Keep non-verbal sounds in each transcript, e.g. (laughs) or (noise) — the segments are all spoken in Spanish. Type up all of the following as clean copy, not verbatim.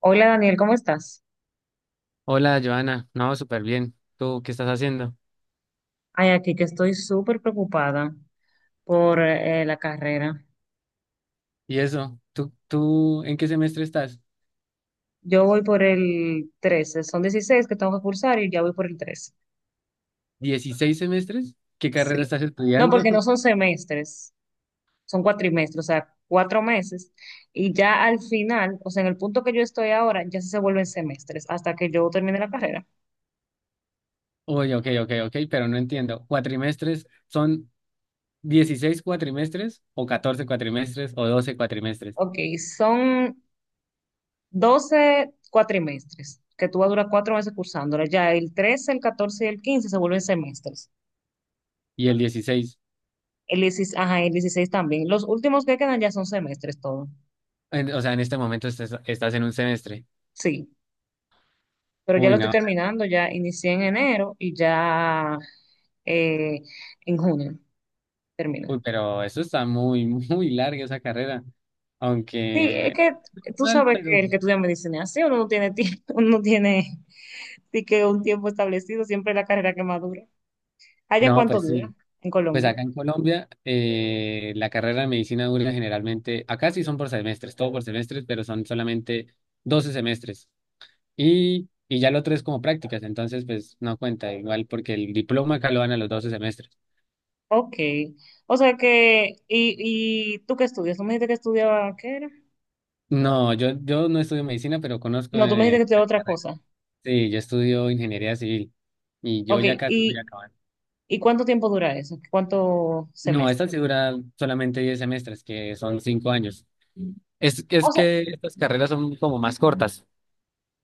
Hola, Daniel, ¿cómo estás? Hola, Joana. No, súper bien. ¿Tú qué estás haciendo? Ay, aquí que estoy súper preocupada por la carrera. ¿Y eso? ¿Tú en qué semestre estás? Yo voy por el 13, son 16 que tengo que cursar y ya voy por el 13. ¿16 semestres? ¿Qué carrera Sí. estás No, estudiando? porque no (laughs) son semestres, son cuatrimestres, o sea, cuatro meses. Y ya al final, o sea, en el punto que yo estoy ahora, ya sí se vuelven semestres hasta que yo termine la carrera. Uy, ok, ok, ok, pero no entiendo. ¿Cuatrimestres son 16 cuatrimestres o 14 cuatrimestres o 12 cuatrimestres? Ok, son 12 cuatrimestres, que tú vas a durar cuatro meses cursándola. Ya el 13, el 14, y el 15 se vuelven semestres. Y el 16. El 16, ajá, el 16 también. Los últimos que quedan ya son semestres todo. O sea, en este momento estás en un semestre. Sí, pero ya lo Uy, estoy no. terminando, ya inicié en enero y ya eh, en junio termino. Uy, pero eso está muy, (laughs) muy larga esa carrera. Sí, es Aunque que tú mal, sabes que pero. el que estudia medicina, sí, uno no tiene tiempo, (laughs) uno no tiene sí que un tiempo establecido, siempre es la carrera que más dura. ¿Allá No, cuánto pues dura sí. en Pues acá Colombia? en Colombia, la carrera de medicina dura generalmente, acá sí son por semestres, todo por semestres, pero son solamente 12 semestres. Y ya lo otro es como prácticas, entonces pues no cuenta igual porque el diploma acá lo dan a los 12 semestres. Ok. O sea que, y tú qué estudias? ¿Tú me dijiste que estudiaba qué era? No, yo no estudio medicina, pero conozco No, tú me dijiste que la estudiaba otra carrera. cosa. Sí, yo estudio ingeniería civil y yo Ok, ya casi voy a ¿y acabar. ¿y cuánto tiempo dura eso? ¿Cuántos No, semestres? esta sí dura solamente 10 semestres, que son 5 años. Es, O es sea, que estas carreras son como más cortas.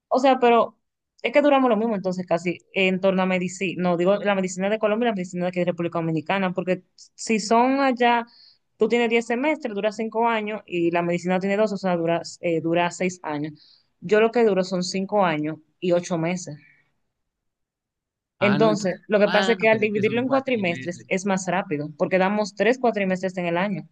o sea, pero es que duramos lo mismo entonces casi en torno a medicina, no digo la medicina de Colombia y la medicina de aquí de República Dominicana, porque si son allá, tú tienes 10 semestres, dura 5 años y la medicina tiene 2, o sea, dura, dura 6 años. Yo lo que duro son 5 años y 8 meses. Ah, no, Entonces, entonces. lo que pasa Ah, es que al pero es que es dividirlo un en cuatrimestres cuatrimestre. es más rápido, porque damos 3 cuatrimestres en el año.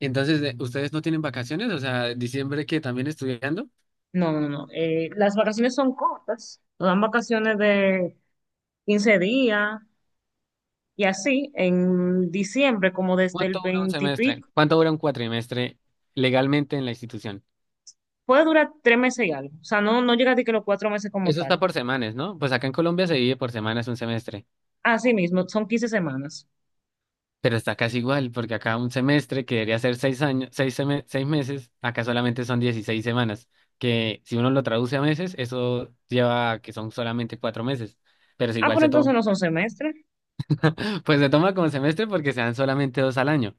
Entonces, ¿ustedes no tienen vacaciones? O sea, diciembre que también estudiando. No, no, no. No, las vacaciones son cortas. Nos dan vacaciones de 15 días y así en diciembre, como desde el ¿Cuánto dura un 20 y semestre? pico, ¿Cuánto dura un cuatrimestre legalmente en la institución? puede durar tres meses y algo. O sea, no, no llega a ti que los cuatro meses como Eso tal. está por semanas, ¿no? Pues acá en Colombia se divide por semanas un semestre, Así mismo, son 15 semanas. pero está casi igual, porque acá un semestre que debería ser 6 años, 6 meses, acá solamente son 16 semanas, que si uno lo traduce a meses, eso lleva a que son solamente 4 meses, pero si Ah, igual pero se entonces toma. no son semestres. Pues se toma como semestre porque se dan solamente dos al año,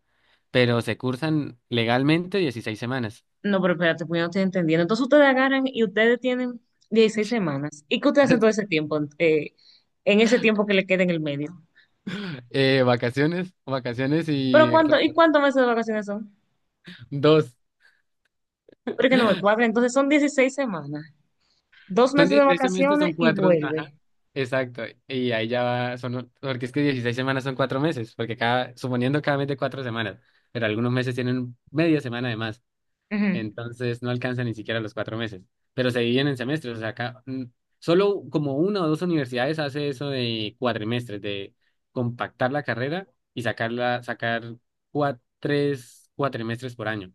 pero se cursan legalmente 16 semanas. No, pero espérate, pues yo no estoy entendiendo. Entonces ustedes agarran y ustedes tienen 16 semanas. ¿Y qué ustedes hacen todo ese (laughs) tiempo? En ese tiempo que le queda en el medio. Vacaciones, vacaciones Pero y cuánto, ¿y cuántos meses de vacaciones son? dos. Pero es que no me (laughs) cuadra. Entonces son 16 semanas. Dos Son meses de 16 semestres, son vacaciones y cuatro. vuelve. Ajá. Exacto. Y ahí ya va, son, porque es que 16 semanas son 4 meses, porque cada, suponiendo cada mes de 4 semanas, pero algunos meses tienen media semana de más. Ujú. Entonces no alcanza ni siquiera los 4 meses, pero se dividen en semestres, o sea, acá solo como una o dos universidades hace eso de cuatrimestres, de compactar la carrera y sacarla, sacar 3 cuatrimestres por año,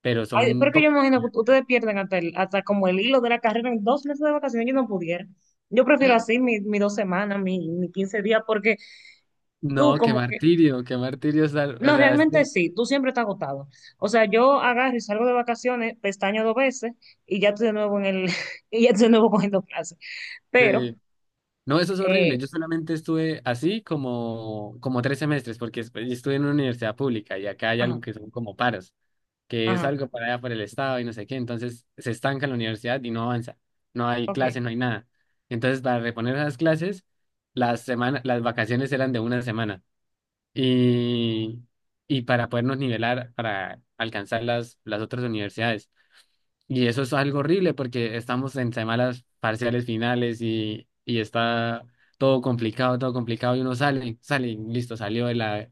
pero Ay, pero son que yo pocas. me imagino que ustedes pierden hasta, hasta como el hilo de la carrera en 2 meses de vacaciones, yo no pudiera. Yo prefiero así mi 2 semanas, mi 15 días, porque tú No, como que, qué martirio, o no, sea, es realmente que, sí, tú siempre estás agotado. O sea, yo agarro y salgo de vacaciones, pestaño 2 veces y ya estoy de nuevo en el, (laughs) y ya estoy de nuevo cogiendo clases. Pero, eh, no, eso es horrible, eh, yo solamente estuve así como, 3 semestres, porque después yo estuve en una universidad pública y acá hay algo ajá, que son como paros, que es ajá, algo para allá por el Estado y no sé qué, entonces se estanca en la universidad y no avanza, no hay ok, clase no hay nada. Entonces, para reponer esas clases, las vacaciones eran de una semana y, y para podernos nivelar, para alcanzar las otras universidades. Y eso es algo horrible porque estamos en semanas parciales finales y está todo complicado y uno sale, y listo, salió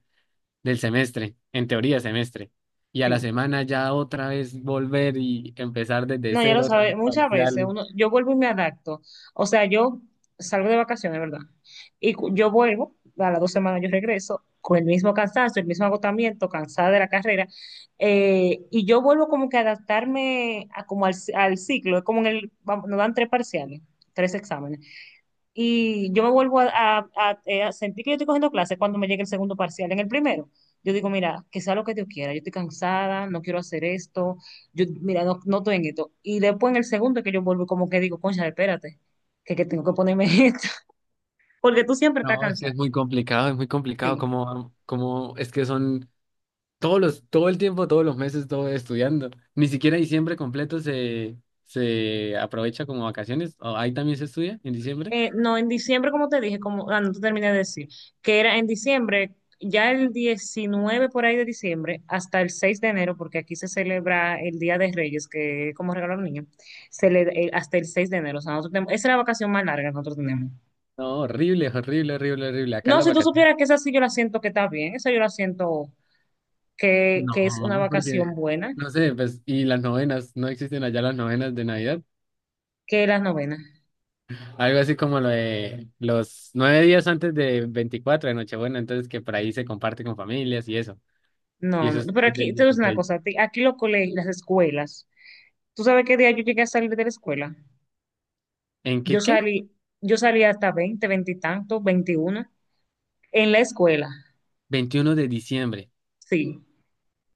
del semestre, en teoría semestre. Y a la sí. semana ya otra vez volver y empezar desde No, ya lo cero, otra sabe, vez muchas veces parciales. uno, yo vuelvo y me adapto. O sea, yo salgo de vacaciones, ¿verdad? Y yo vuelvo, a las 2 semanas yo regreso con el mismo cansancio, el mismo agotamiento, cansada de la carrera, y yo vuelvo como que a adaptarme a, como al, al ciclo, es como en el, vamos, nos dan tres parciales, tres exámenes. Y yo me vuelvo a, a sentir que yo estoy cogiendo clases cuando me llegue el segundo parcial. En el primero, yo digo, mira, que sea lo que Dios quiera, yo estoy cansada, no quiero hacer esto, yo, mira, no, no estoy en esto. Y después en el segundo que yo vuelvo, como que digo, concha, espérate, que tengo que ponerme (laughs) esto, porque tú siempre estás No, es que cansado. Es muy complicado Sí. como, como es que son todo el tiempo, todos los meses, todo estudiando. Ni siquiera diciembre completo se aprovecha como vacaciones. ¿O ahí también se estudia en diciembre? No, en diciembre, como te dije, como, ah, no te terminé de decir, que era en diciembre, ya el 19 por ahí de diciembre, hasta el 6 de enero, porque aquí se celebra el Día de Reyes, que es como regalo a los niños, se le, hasta el 6 de enero. O sea, nosotros tenemos, esa es la vacación más larga que nosotros tenemos. No, horrible, horrible, horrible, horrible. Acá No, las si tú vacaciones. supieras que esa sí yo la siento que está bien, esa yo la siento que es una No, porque, vacación buena, no sé, pues, y las novenas, no existen allá las novenas de Navidad. que las novenas. Algo así como lo de los 9 días antes de 24 de Nochebuena, entonces que por ahí se comparte con familias y eso. Y No, eso no, es pero desde el aquí, te digo una 16. cosa, aquí los colegios, las escuelas, ¿tú sabes qué día yo llegué a salir de la escuela? ¿En Yo qué? salí, yo salí hasta 20 20 y tanto, 21, en la escuela, 21 de diciembre. sí.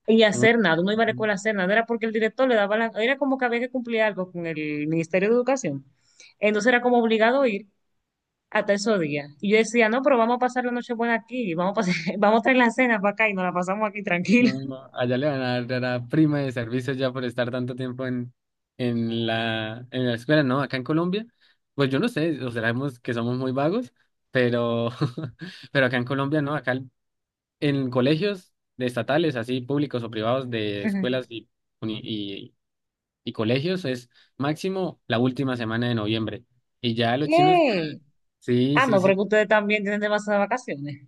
Y Uy, hacer nada, uno iba a la escuela a hacer nada, era porque el director le daba la, era como que había que cumplir algo con el Ministerio de Educación. Entonces era como obligado a ir hasta esos días. Y yo decía, no, pero vamos a pasar la noche buena aquí, vamos a, pasar, (laughs) vamos a traer la cena para acá y nos la pasamos aquí tranquila. no, allá le van a dar a la prima de servicio ya por estar tanto tiempo en la escuela, ¿no? Acá en Colombia, pues yo no sé, o sabemos que somos muy vagos, pero, (laughs) pero acá en Colombia, ¿no? Acá en colegios de estatales, así públicos o privados, de Ajá. (laughs) escuelas y, uni- y colegios es máximo la última semana de noviembre. Y ya los chinos, ¿Qué? sí, Ah, sí, no, porque sí. ustedes también tienen demasiadas vacaciones.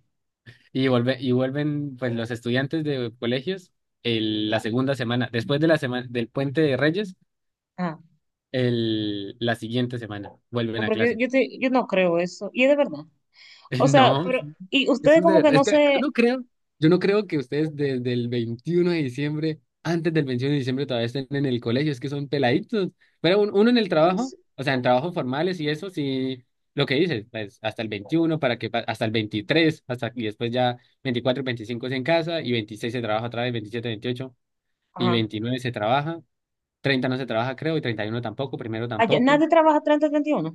Y y vuelven pues los estudiantes de colegios la segunda semana, después de la semana del puente de Reyes, Ah, la siguiente semana vuelven no, a porque clase. yo, yo no creo eso. Y es de verdad. (laughs) O sea, No, pero, y eso ustedes es de como que verdad. no Es que yo se, no creo, yo no creo que ustedes desde el 21 de diciembre, antes del 21 de diciembre todavía estén en el colegio, es que son peladitos. Pero uno en el trabajo, o sea, en trabajos formales y eso, sí, lo que dices, pues hasta el 21 hasta el 23 hasta y después ya 24, 25 es en casa y 26 se trabaja otra vez, 27, 28 y ajá. 29 se trabaja, 30 no se trabaja, creo, y 31 tampoco, primero Allá, tampoco. nadie trabaja 30 31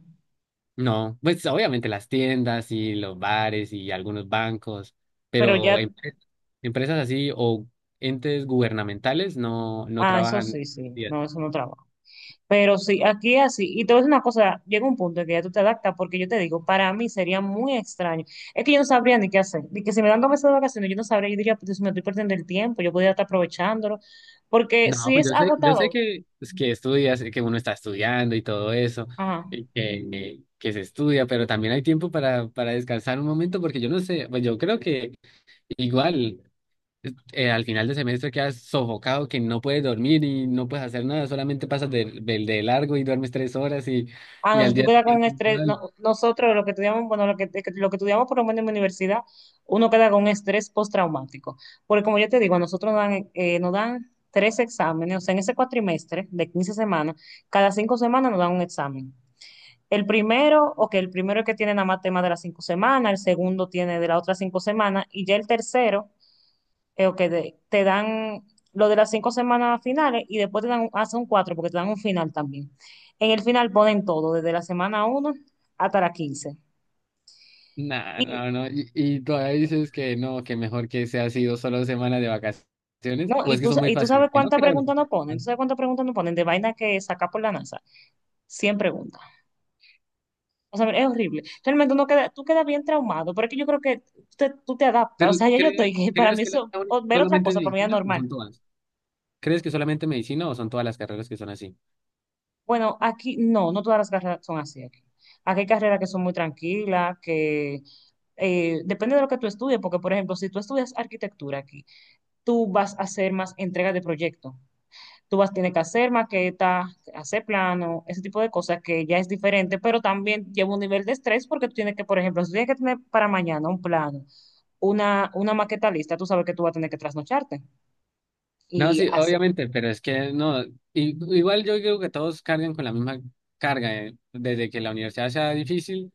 No, pues obviamente las tiendas y los bares y algunos bancos, pero ya, pero empresas así o entes gubernamentales no, no ah, eso trabajan. sí, sí, Bien. no, eso no trabaja. Pero sí, aquí así, y te voy a decir una cosa, llega un punto en que ya tú te adaptas, porque yo te digo, para mí sería muy extraño, es que yo no sabría ni qué hacer, ni que si me dan 2 meses de vacaciones, yo no sabría, yo diría, pues me estoy perdiendo el tiempo, yo podría estar aprovechándolo, porque No, si pues es yo sé agotador, que, pues, que estudias, que uno está estudiando y todo eso, ajá. y que se estudia, pero también hay tiempo para descansar un momento, porque yo no sé, pues yo creo que igual. Al final de semestre quedas sofocado, que no puedes dormir y no puedes hacer nada, solamente pasas de largo y duermes 3 horas y, Ah, y no, si al tú día quedas con un siguiente estrés, igual. no, nosotros lo que estudiamos, bueno, lo que estudiamos por lo menos en mi universidad, uno queda con un estrés postraumático. Porque como yo te digo, a nosotros nos dan tres exámenes, o sea, en ese cuatrimestre de 15 semanas, cada 5 semanas nos dan un examen. El primero, o que el primero es que tiene nada más tema de las 5 semanas, el segundo tiene de las otras 5 semanas, y ya el tercero ok, te dan lo de las 5 semanas finales y después te dan, hacen un cuatro porque te dan un final también. En el final ponen todo, desde la semana uno hasta la 15. Nah, Y, no, no, y todavía dices que no, que mejor que sea sido solo semanas de vacaciones, no, o y es que tú, son muy y tú fáciles, sabes que no cuántas creo. preguntas no ponen, tú sabes cuántas preguntas no ponen de vaina que saca por la NASA. 100 preguntas. O sea, es horrible. Realmente uno queda, tú quedas bien traumado, pero es que yo creo que tú te adaptas. O Pero sea, ya yo ¿crees, estoy, (laughs) para crees mí que la eso, ver otra solamente cosa, para mí es medicina o normal. son todas? ¿Crees que solamente medicina o son todas las carreras que son así? Bueno, aquí no, no todas las carreras son así aquí. Aquí hay carreras que son muy tranquilas, que depende de lo que tú estudies, porque por ejemplo, si tú estudias arquitectura aquí, tú vas a hacer más entregas de proyecto. Tú vas a tener que hacer maqueta, hacer plano, ese tipo de cosas que ya es diferente, pero también lleva un nivel de estrés porque tú tienes que, por ejemplo, si tienes que tener para mañana un plano, una maqueta lista, tú sabes que tú vas a tener que trasnocharte No, y sí, obviamente, pero es que no, igual yo creo que todos cargan con la misma carga, eh. Desde que la universidad sea difícil,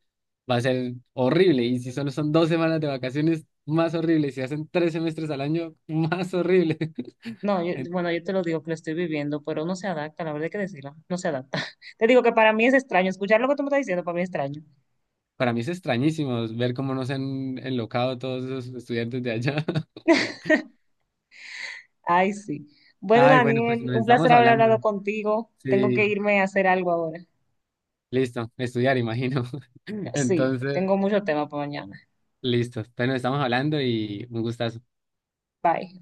va a ser horrible, y si solo son 2 semanas de vacaciones, más horrible, y si hacen 3 semestres al año, más horrible. (laughs) no, En- bueno, yo te lo digo que lo estoy viviendo, pero no se adapta, la verdad hay que decirlo, no se adapta. (laughs) Te digo que para mí es extraño, escuchar lo que tú me estás diciendo para mí es extraño. Para mí es extrañísimo ver cómo nos han enlocado todos esos estudiantes de allá. (laughs) Ay, sí. Bueno, Ay, bueno, pues Daniel, nos un estamos placer haber hablando. hablado contigo. Tengo que Sí, irme a hacer algo ahora. listo, estudiar, imagino. (laughs) Sí, Entonces, tengo mucho tema para mañana. listo, pues nos estamos hablando y un gustazo. Bye.